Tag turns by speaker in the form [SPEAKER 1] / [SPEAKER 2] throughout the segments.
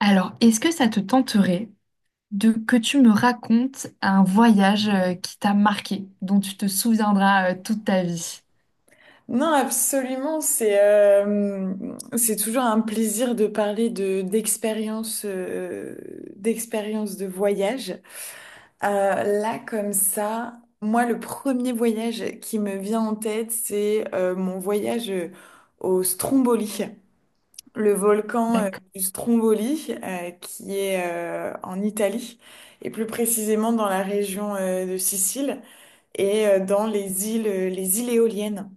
[SPEAKER 1] Alors, est-ce que ça te tenterait de que tu me racontes un voyage qui t'a marqué, dont tu te souviendras toute ta vie?
[SPEAKER 2] Non, absolument. C'est toujours un plaisir de parler de d'expériences d'expériences de voyage. Là, comme ça, moi, le premier voyage qui me vient en tête, c'est mon voyage au Stromboli, le volcan
[SPEAKER 1] D'ac-
[SPEAKER 2] du Stromboli, qui est en Italie, et plus précisément dans la région de Sicile et dans les îles éoliennes.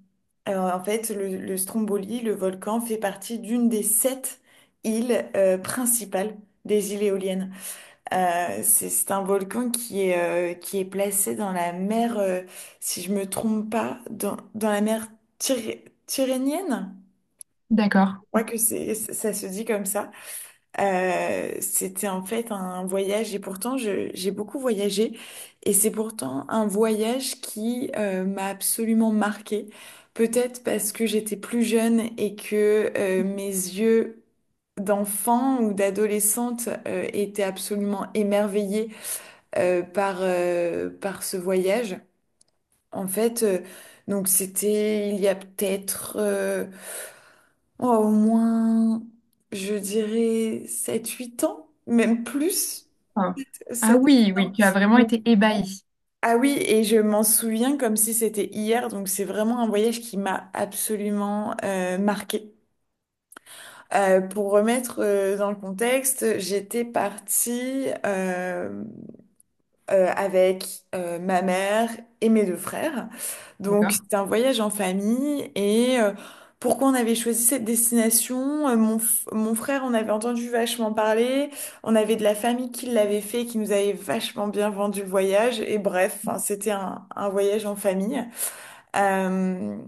[SPEAKER 2] En fait, le Stromboli, le volcan, fait partie d'une des sept îles principales des îles éoliennes. C'est un volcan qui est placé dans la mer, si je me trompe pas, dans la mer Tyrrhénienne.
[SPEAKER 1] D'accord.
[SPEAKER 2] Je crois que c'est, ça se dit comme ça. C'était en fait un voyage, et pourtant j'ai beaucoup voyagé, et c'est pourtant un voyage qui m'a absolument marquée. Peut-être parce que j'étais plus jeune et que mes yeux d'enfant ou d'adolescente étaient absolument émerveillés par ce voyage. En fait, donc c'était il y a peut-être... oh, au moins, je dirais sept huit ans, même plus,
[SPEAKER 1] Ah. Ah
[SPEAKER 2] sept huit
[SPEAKER 1] oui, oui,
[SPEAKER 2] ans.
[SPEAKER 1] tu as vraiment été ébahi.
[SPEAKER 2] Ah oui, et je m'en souviens comme si c'était hier, donc c'est vraiment un voyage qui m'a absolument marquée. Pour remettre dans le contexte, j'étais partie avec ma mère et mes deux frères. Donc
[SPEAKER 1] D'accord,
[SPEAKER 2] c'était un voyage en famille et pourquoi on avait choisi cette destination? Mon frère, on avait entendu vachement parler, on avait de la famille qui l'avait fait, qui nous avait vachement bien vendu le voyage, et bref, hein, c'était un voyage en famille. Euh,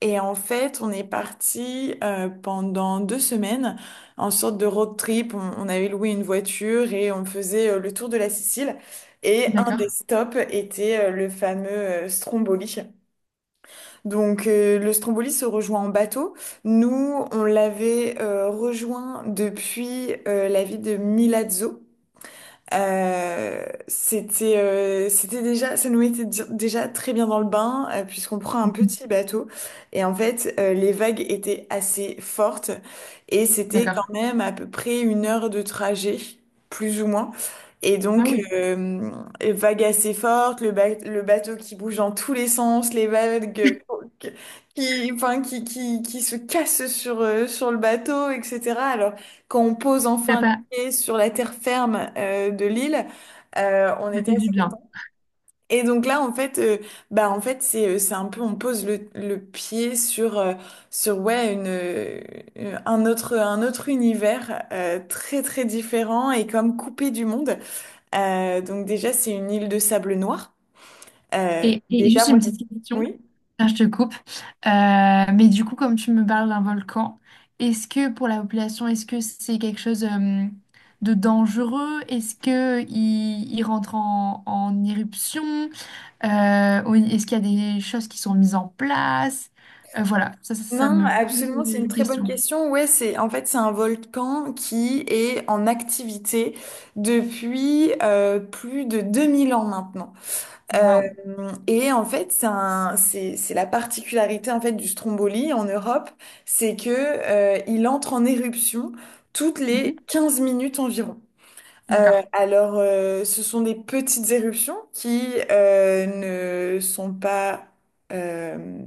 [SPEAKER 2] et en fait, on est parti pendant 2 semaines en sorte de road trip. On avait loué une voiture et on faisait le tour de la Sicile. Et un
[SPEAKER 1] d'accord,
[SPEAKER 2] des stops était le fameux Stromboli. Donc le Stromboli se rejoint en bateau. Nous, on l'avait rejoint depuis la ville de Milazzo. C'était déjà, ça nous mettait déjà très bien dans le bain, puisqu'on prend un
[SPEAKER 1] mhm.
[SPEAKER 2] petit bateau et en fait les vagues étaient assez fortes, et c'était
[SPEAKER 1] D'accord.
[SPEAKER 2] quand même à peu près une heure de trajet, plus ou moins. Et
[SPEAKER 1] Ah
[SPEAKER 2] donc
[SPEAKER 1] oui,
[SPEAKER 2] vagues assez fortes, le bateau qui bouge dans tous les sens, les vagues qui, enfin, qui se cassent sur le bateau, etc. Alors quand on pose
[SPEAKER 1] ça t'a
[SPEAKER 2] enfin
[SPEAKER 1] pas,
[SPEAKER 2] et sur la terre ferme de l'île, on
[SPEAKER 1] ça
[SPEAKER 2] était
[SPEAKER 1] fait du
[SPEAKER 2] assez
[SPEAKER 1] bien.
[SPEAKER 2] contents. Et donc là, en fait, bah en fait, c'est un peu, on pose le pied sur sur ouais, une un autre univers très très différent et comme coupé du monde. Donc déjà, c'est une île de sable noir.
[SPEAKER 1] Et
[SPEAKER 2] Déjà,
[SPEAKER 1] juste une
[SPEAKER 2] moi,
[SPEAKER 1] petite question,
[SPEAKER 2] oui.
[SPEAKER 1] là, je te coupe. Mais du coup, comme tu me parles d'un volcan, est-ce que pour la population, est-ce que c'est quelque chose de dangereux? Est-ce que il rentre en, en éruption? Ou est-ce qu'il y a des choses qui sont mises en place? Voilà, ça
[SPEAKER 2] Non,
[SPEAKER 1] me pose
[SPEAKER 2] absolument, c'est une
[SPEAKER 1] une
[SPEAKER 2] très bonne
[SPEAKER 1] question.
[SPEAKER 2] question. Ouais, c'est en fait, c'est un volcan qui est en activité depuis plus de 2000 ans maintenant. Euh,
[SPEAKER 1] Waouh.
[SPEAKER 2] et en fait, c'est un c'est la particularité en fait du Stromboli en Europe, c'est que il entre en éruption toutes les
[SPEAKER 1] Mhm.
[SPEAKER 2] 15 minutes environ. Euh,
[SPEAKER 1] D'accord.
[SPEAKER 2] alors, ce sont des petites éruptions qui ne sont pas euh,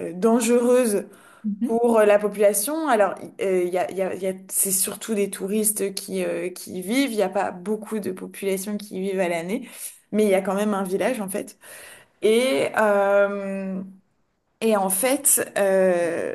[SPEAKER 2] dangereuses
[SPEAKER 1] Mhm.
[SPEAKER 2] pour la population. Alors il y a, il y a- il y a- c'est surtout des touristes qui y vivent. Il n'y a pas beaucoup de population qui y vivent à l'année, mais il y a quand même un village en fait. Et, euh, et en fait,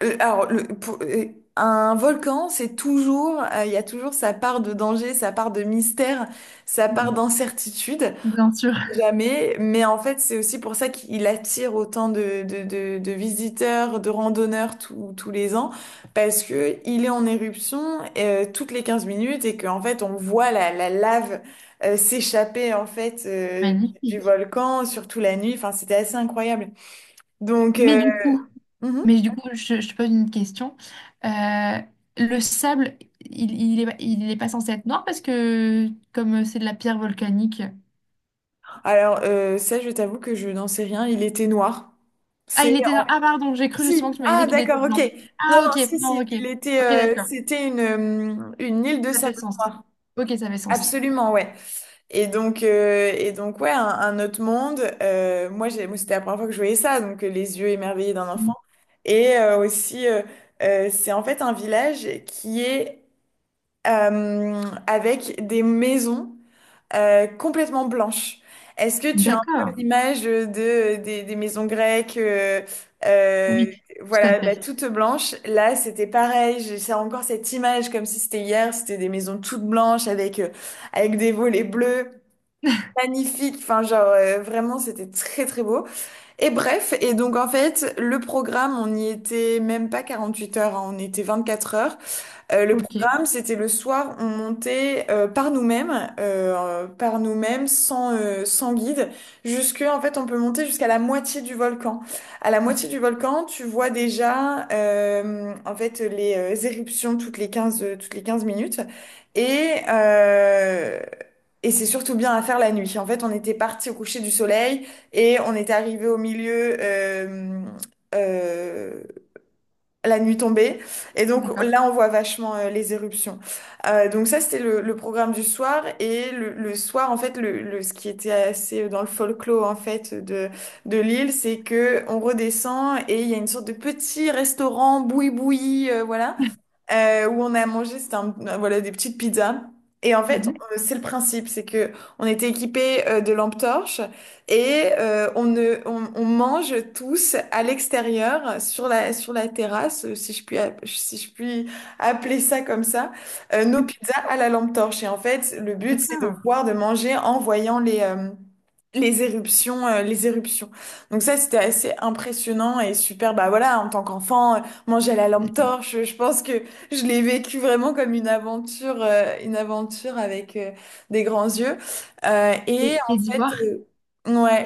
[SPEAKER 2] le- alors le- pour- euh, un volcan, c'est toujours, il y a toujours sa part de danger, sa part de mystère, sa part d'incertitude.
[SPEAKER 1] Bien sûr.
[SPEAKER 2] Jamais, mais en fait, c'est aussi pour ça qu'il attire autant de visiteurs, de randonneurs tous les ans, parce que il est en éruption toutes les 15 minutes et qu'en fait, on voit la lave s'échapper en fait du
[SPEAKER 1] Magnifique.
[SPEAKER 2] volcan, surtout la nuit. Enfin, c'était assez incroyable. Donc,
[SPEAKER 1] Mais du coup,
[SPEAKER 2] mhm.
[SPEAKER 1] mais du coup, je te pose une question. Euh, le sable, il est pas censé être noir parce que comme c'est de la pierre volcanique.
[SPEAKER 2] Alors, ça, je t'avoue que je n'en sais rien. Il était noir.
[SPEAKER 1] Ah,
[SPEAKER 2] C'est
[SPEAKER 1] il était noir. Ah, pardon, j'ai
[SPEAKER 2] Si,
[SPEAKER 1] cru justement que
[SPEAKER 2] si.
[SPEAKER 1] tu m'avais
[SPEAKER 2] Ah,
[SPEAKER 1] dit qu'il était
[SPEAKER 2] d'accord, ok.
[SPEAKER 1] blanc.
[SPEAKER 2] Non,
[SPEAKER 1] Ah,
[SPEAKER 2] non,
[SPEAKER 1] ok,
[SPEAKER 2] si, si.
[SPEAKER 1] non, ok.
[SPEAKER 2] Il était,
[SPEAKER 1] Ok, d'accord.
[SPEAKER 2] une île de
[SPEAKER 1] Ça fait
[SPEAKER 2] sable
[SPEAKER 1] sens.
[SPEAKER 2] noir.
[SPEAKER 1] Ok, ça fait sens.
[SPEAKER 2] Absolument, ouais. Et donc, ouais, un autre monde. Moi, c'était la première fois que je voyais ça, donc les yeux émerveillés d'un enfant.
[SPEAKER 1] Mm.
[SPEAKER 2] Et aussi, c'est en fait un village qui est avec des maisons complètement blanche. Est-ce que tu as un peu
[SPEAKER 1] D'accord.
[SPEAKER 2] l'image des maisons grecques, euh,
[SPEAKER 1] Oui, tout à
[SPEAKER 2] voilà, bah,
[SPEAKER 1] fait.
[SPEAKER 2] toutes blanches? Là, c'était pareil. J'ai encore cette image comme si c'était hier. C'était des maisons toutes blanches avec des volets bleus. Magnifique, enfin, genre, vraiment c'était très très beau. Et bref, et donc en fait, le programme, on n'y était même pas 48 heures, hein, on était 24 heures. Le
[SPEAKER 1] Ok.
[SPEAKER 2] programme, c'était le soir, on montait par nous-mêmes, sans guide, jusque, en fait, on peut monter jusqu'à la moitié du volcan. À la moitié
[SPEAKER 1] Mhm.
[SPEAKER 2] du volcan, tu vois déjà, en fait, les éruptions toutes les 15 minutes. Et, euh, et c'est surtout bien à faire la nuit. En fait, on était parti au coucher du soleil et on était arrivé au milieu, euh, la nuit tombée. Et donc
[SPEAKER 1] D'accord.
[SPEAKER 2] là, on voit vachement les éruptions. Donc ça, c'était le programme du soir. Et le soir, en fait, ce qui était assez dans le folklore, en fait, de l'île, c'est que on redescend et il y a une sorte de petit restaurant boui-boui, voilà, où on a mangé, c'était voilà, des petites pizzas. Et en fait,
[SPEAKER 1] Mhm.
[SPEAKER 2] c'est le principe, c'est que on était équipés de lampes torches, et on, ne, on mange tous à l'extérieur sur la terrasse, si je puis, si je puis appeler ça comme ça, nos pizzas à la lampe torche. Et en fait, le but, c'est de
[SPEAKER 1] D'accord.
[SPEAKER 2] voir, de manger en voyant les éruptions. Donc ça, c'était assez impressionnant et super. Bah voilà, en tant qu'enfant, manger à la lampe torche, je pense que je l'ai vécu vraiment comme une aventure avec des grands yeux. Et
[SPEAKER 1] Et,
[SPEAKER 2] en
[SPEAKER 1] et
[SPEAKER 2] fait,
[SPEAKER 1] d'Ivoire,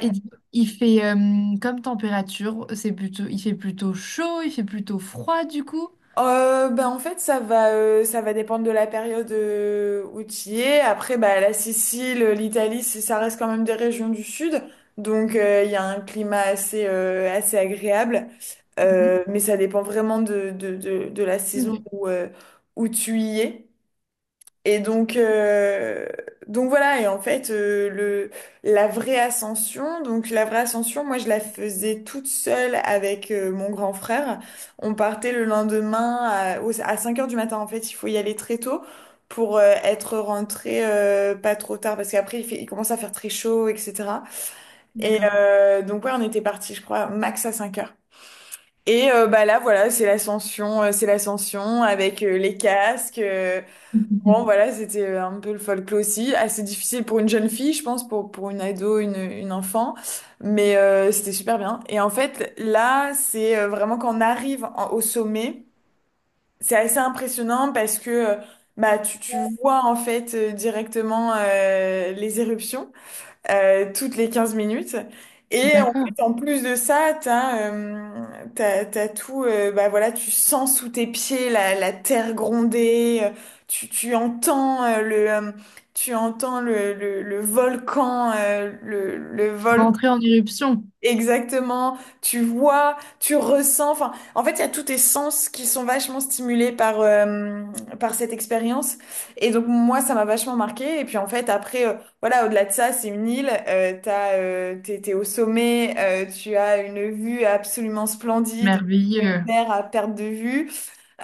[SPEAKER 1] et d'Ivoire, il fait comme température, c'est plutôt, il fait plutôt chaud, il fait plutôt froid du coup.
[SPEAKER 2] Ben en fait, ça va dépendre de la période où tu y es. Après, bah, la Sicile, l'Italie, ça reste quand même des régions du sud. Donc, il y a un climat assez agréable.
[SPEAKER 1] Mhm.
[SPEAKER 2] Mais ça dépend vraiment de la saison
[SPEAKER 1] Ok.
[SPEAKER 2] où tu y es. Et donc voilà, et en fait, la vraie ascension, donc la vraie ascension, moi je la faisais toute seule avec mon grand frère. On partait le lendemain à 5 heures du matin, en fait, il faut y aller très tôt pour être rentré pas trop tard, parce qu'après il commence à faire très chaud, etc. Et
[SPEAKER 1] D'accord.
[SPEAKER 2] euh, donc ouais, on était parti, je crois, max à 5 heures. Et bah là, voilà, c'est l'ascension avec les casques. Bon,
[SPEAKER 1] Mhm.
[SPEAKER 2] voilà, c'était un peu le folklore aussi. Assez difficile pour une jeune fille, je pense, pour une ado, une enfant. Mais c'était super bien. Et en fait, là, c'est vraiment quand on arrive au sommet, c'est assez impressionnant parce que bah, tu vois en fait directement les éruptions toutes les 15 minutes. Et en
[SPEAKER 1] D'accord.
[SPEAKER 2] fait, en plus de ça, t'as tout, bah voilà, tu sens sous tes pieds la terre gronder, tu entends le volcan, le volcan.
[SPEAKER 1] Rentrer en éruption.
[SPEAKER 2] Exactement, tu vois, tu ressens, enfin, en fait, il y a tous tes sens qui sont vachement stimulés par cette expérience. Et donc, moi, ça m'a vachement marqué. Et puis, en fait, après, voilà, au-delà de ça, c'est une île, t'es au sommet, tu as une vue absolument splendide, une
[SPEAKER 1] Merveilleux.
[SPEAKER 2] mer à perte de vue.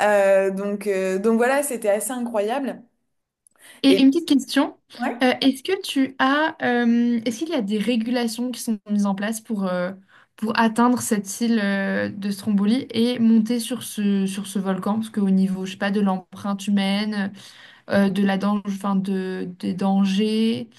[SPEAKER 2] Donc voilà, c'était assez incroyable.
[SPEAKER 1] Et une
[SPEAKER 2] Et,
[SPEAKER 1] petite question.
[SPEAKER 2] ouais.
[SPEAKER 1] Est-ce que tu as, est-ce qu'il y a des régulations qui sont mises en place pour atteindre cette île, de Stromboli et monter sur ce volcan? Parce qu'au niveau, je sais pas, de l'empreinte humaine, de la dan- enfin, de, des dangers,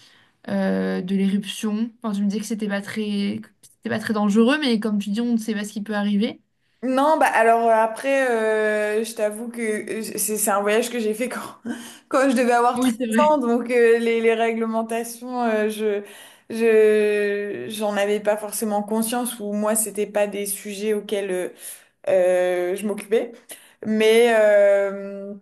[SPEAKER 1] de l'éruption. Enfin, tu me disais que c'était pas très, que c'était pas très dangereux, mais comme tu dis, on ne sait pas ce qui peut arriver.
[SPEAKER 2] Non, bah alors après, je t'avoue que c'est un voyage que j'ai fait quand, quand je devais avoir
[SPEAKER 1] Oui,
[SPEAKER 2] treize
[SPEAKER 1] c'est vrai.
[SPEAKER 2] ans, donc les réglementations, j'en avais pas forcément conscience, ou moi, c'était pas des sujets auxquels je m'occupais. Mais, euh,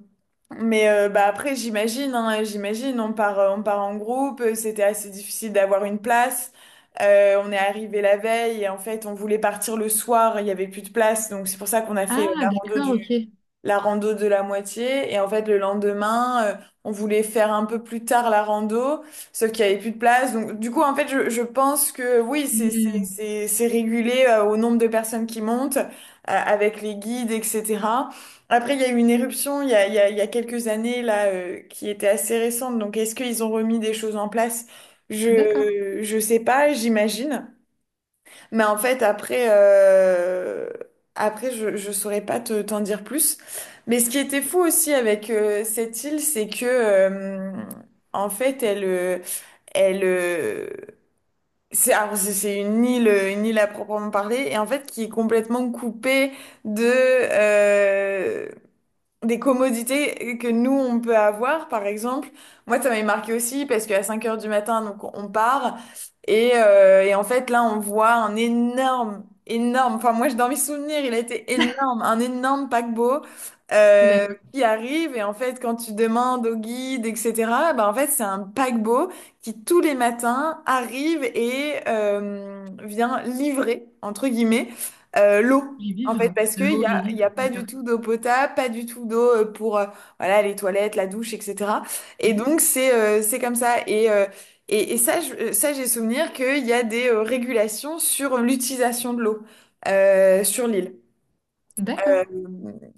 [SPEAKER 2] mais, bah après, j'imagine, hein, j'imagine, on part en groupe, c'était assez difficile d'avoir une place. On est arrivé la veille et en fait, on voulait partir le soir, il y avait plus de place, donc c'est pour ça qu'on a fait
[SPEAKER 1] Ah, d'accord, ok.
[SPEAKER 2] la rando de la moitié. Et en fait, le lendemain, on voulait faire un peu plus tard la rando, sauf qu'il n'y avait plus de place. Donc du coup, en fait, je pense que oui, c'est, c'est,
[SPEAKER 1] Hmm,
[SPEAKER 2] c'est, c'est régulé, au nombre de personnes qui montent, avec les guides, etc. Après, il y a eu une éruption il y a, il y a, il y a quelques années là, qui était assez récente. Donc, est-ce qu'ils ont remis des choses en place?
[SPEAKER 1] d'accord,
[SPEAKER 2] Je sais pas, j'imagine. Mais en fait, après, je saurais pas te t'en dire plus. Mais ce qui était fou aussi avec cette île, c'est que en fait, elle elle c'est alors, c'est une île, à proprement parler, et en fait qui est complètement coupée de des commodités que nous, on peut avoir, par exemple. Moi, ça m'avait marqué aussi parce qu'à 5 heures du matin, donc on part. Et, et, en fait, là, on voit un énorme, énorme, enfin moi, dans mes souvenirs, il a été énorme, un énorme paquebot euh,
[SPEAKER 1] d'accord.
[SPEAKER 2] qui arrive. Et en fait, quand tu demandes au guide, etc., ben, en fait, c'est un paquebot qui, tous les matins, arrive et vient livrer, entre guillemets, l'eau.
[SPEAKER 1] Les
[SPEAKER 2] En fait,
[SPEAKER 1] vivres,
[SPEAKER 2] parce qu'il
[SPEAKER 1] l'eau,
[SPEAKER 2] n'y
[SPEAKER 1] les
[SPEAKER 2] a, y
[SPEAKER 1] vivres,
[SPEAKER 2] a pas du
[SPEAKER 1] d'accord.
[SPEAKER 2] tout d'eau potable, pas du tout d'eau pour voilà, les toilettes, la douche, etc. Et
[SPEAKER 1] Mhm.
[SPEAKER 2] donc, c'est comme ça. Et ça, j'ai souvenir qu'il y a des régulations sur l'utilisation de l'eau sur l'île. Euh,
[SPEAKER 1] D'accord,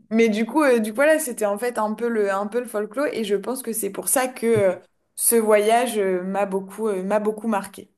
[SPEAKER 2] mais du coup, voilà, c'était en fait un peu le folklore. Et je pense que c'est pour ça que ce voyage m'a beaucoup marqué.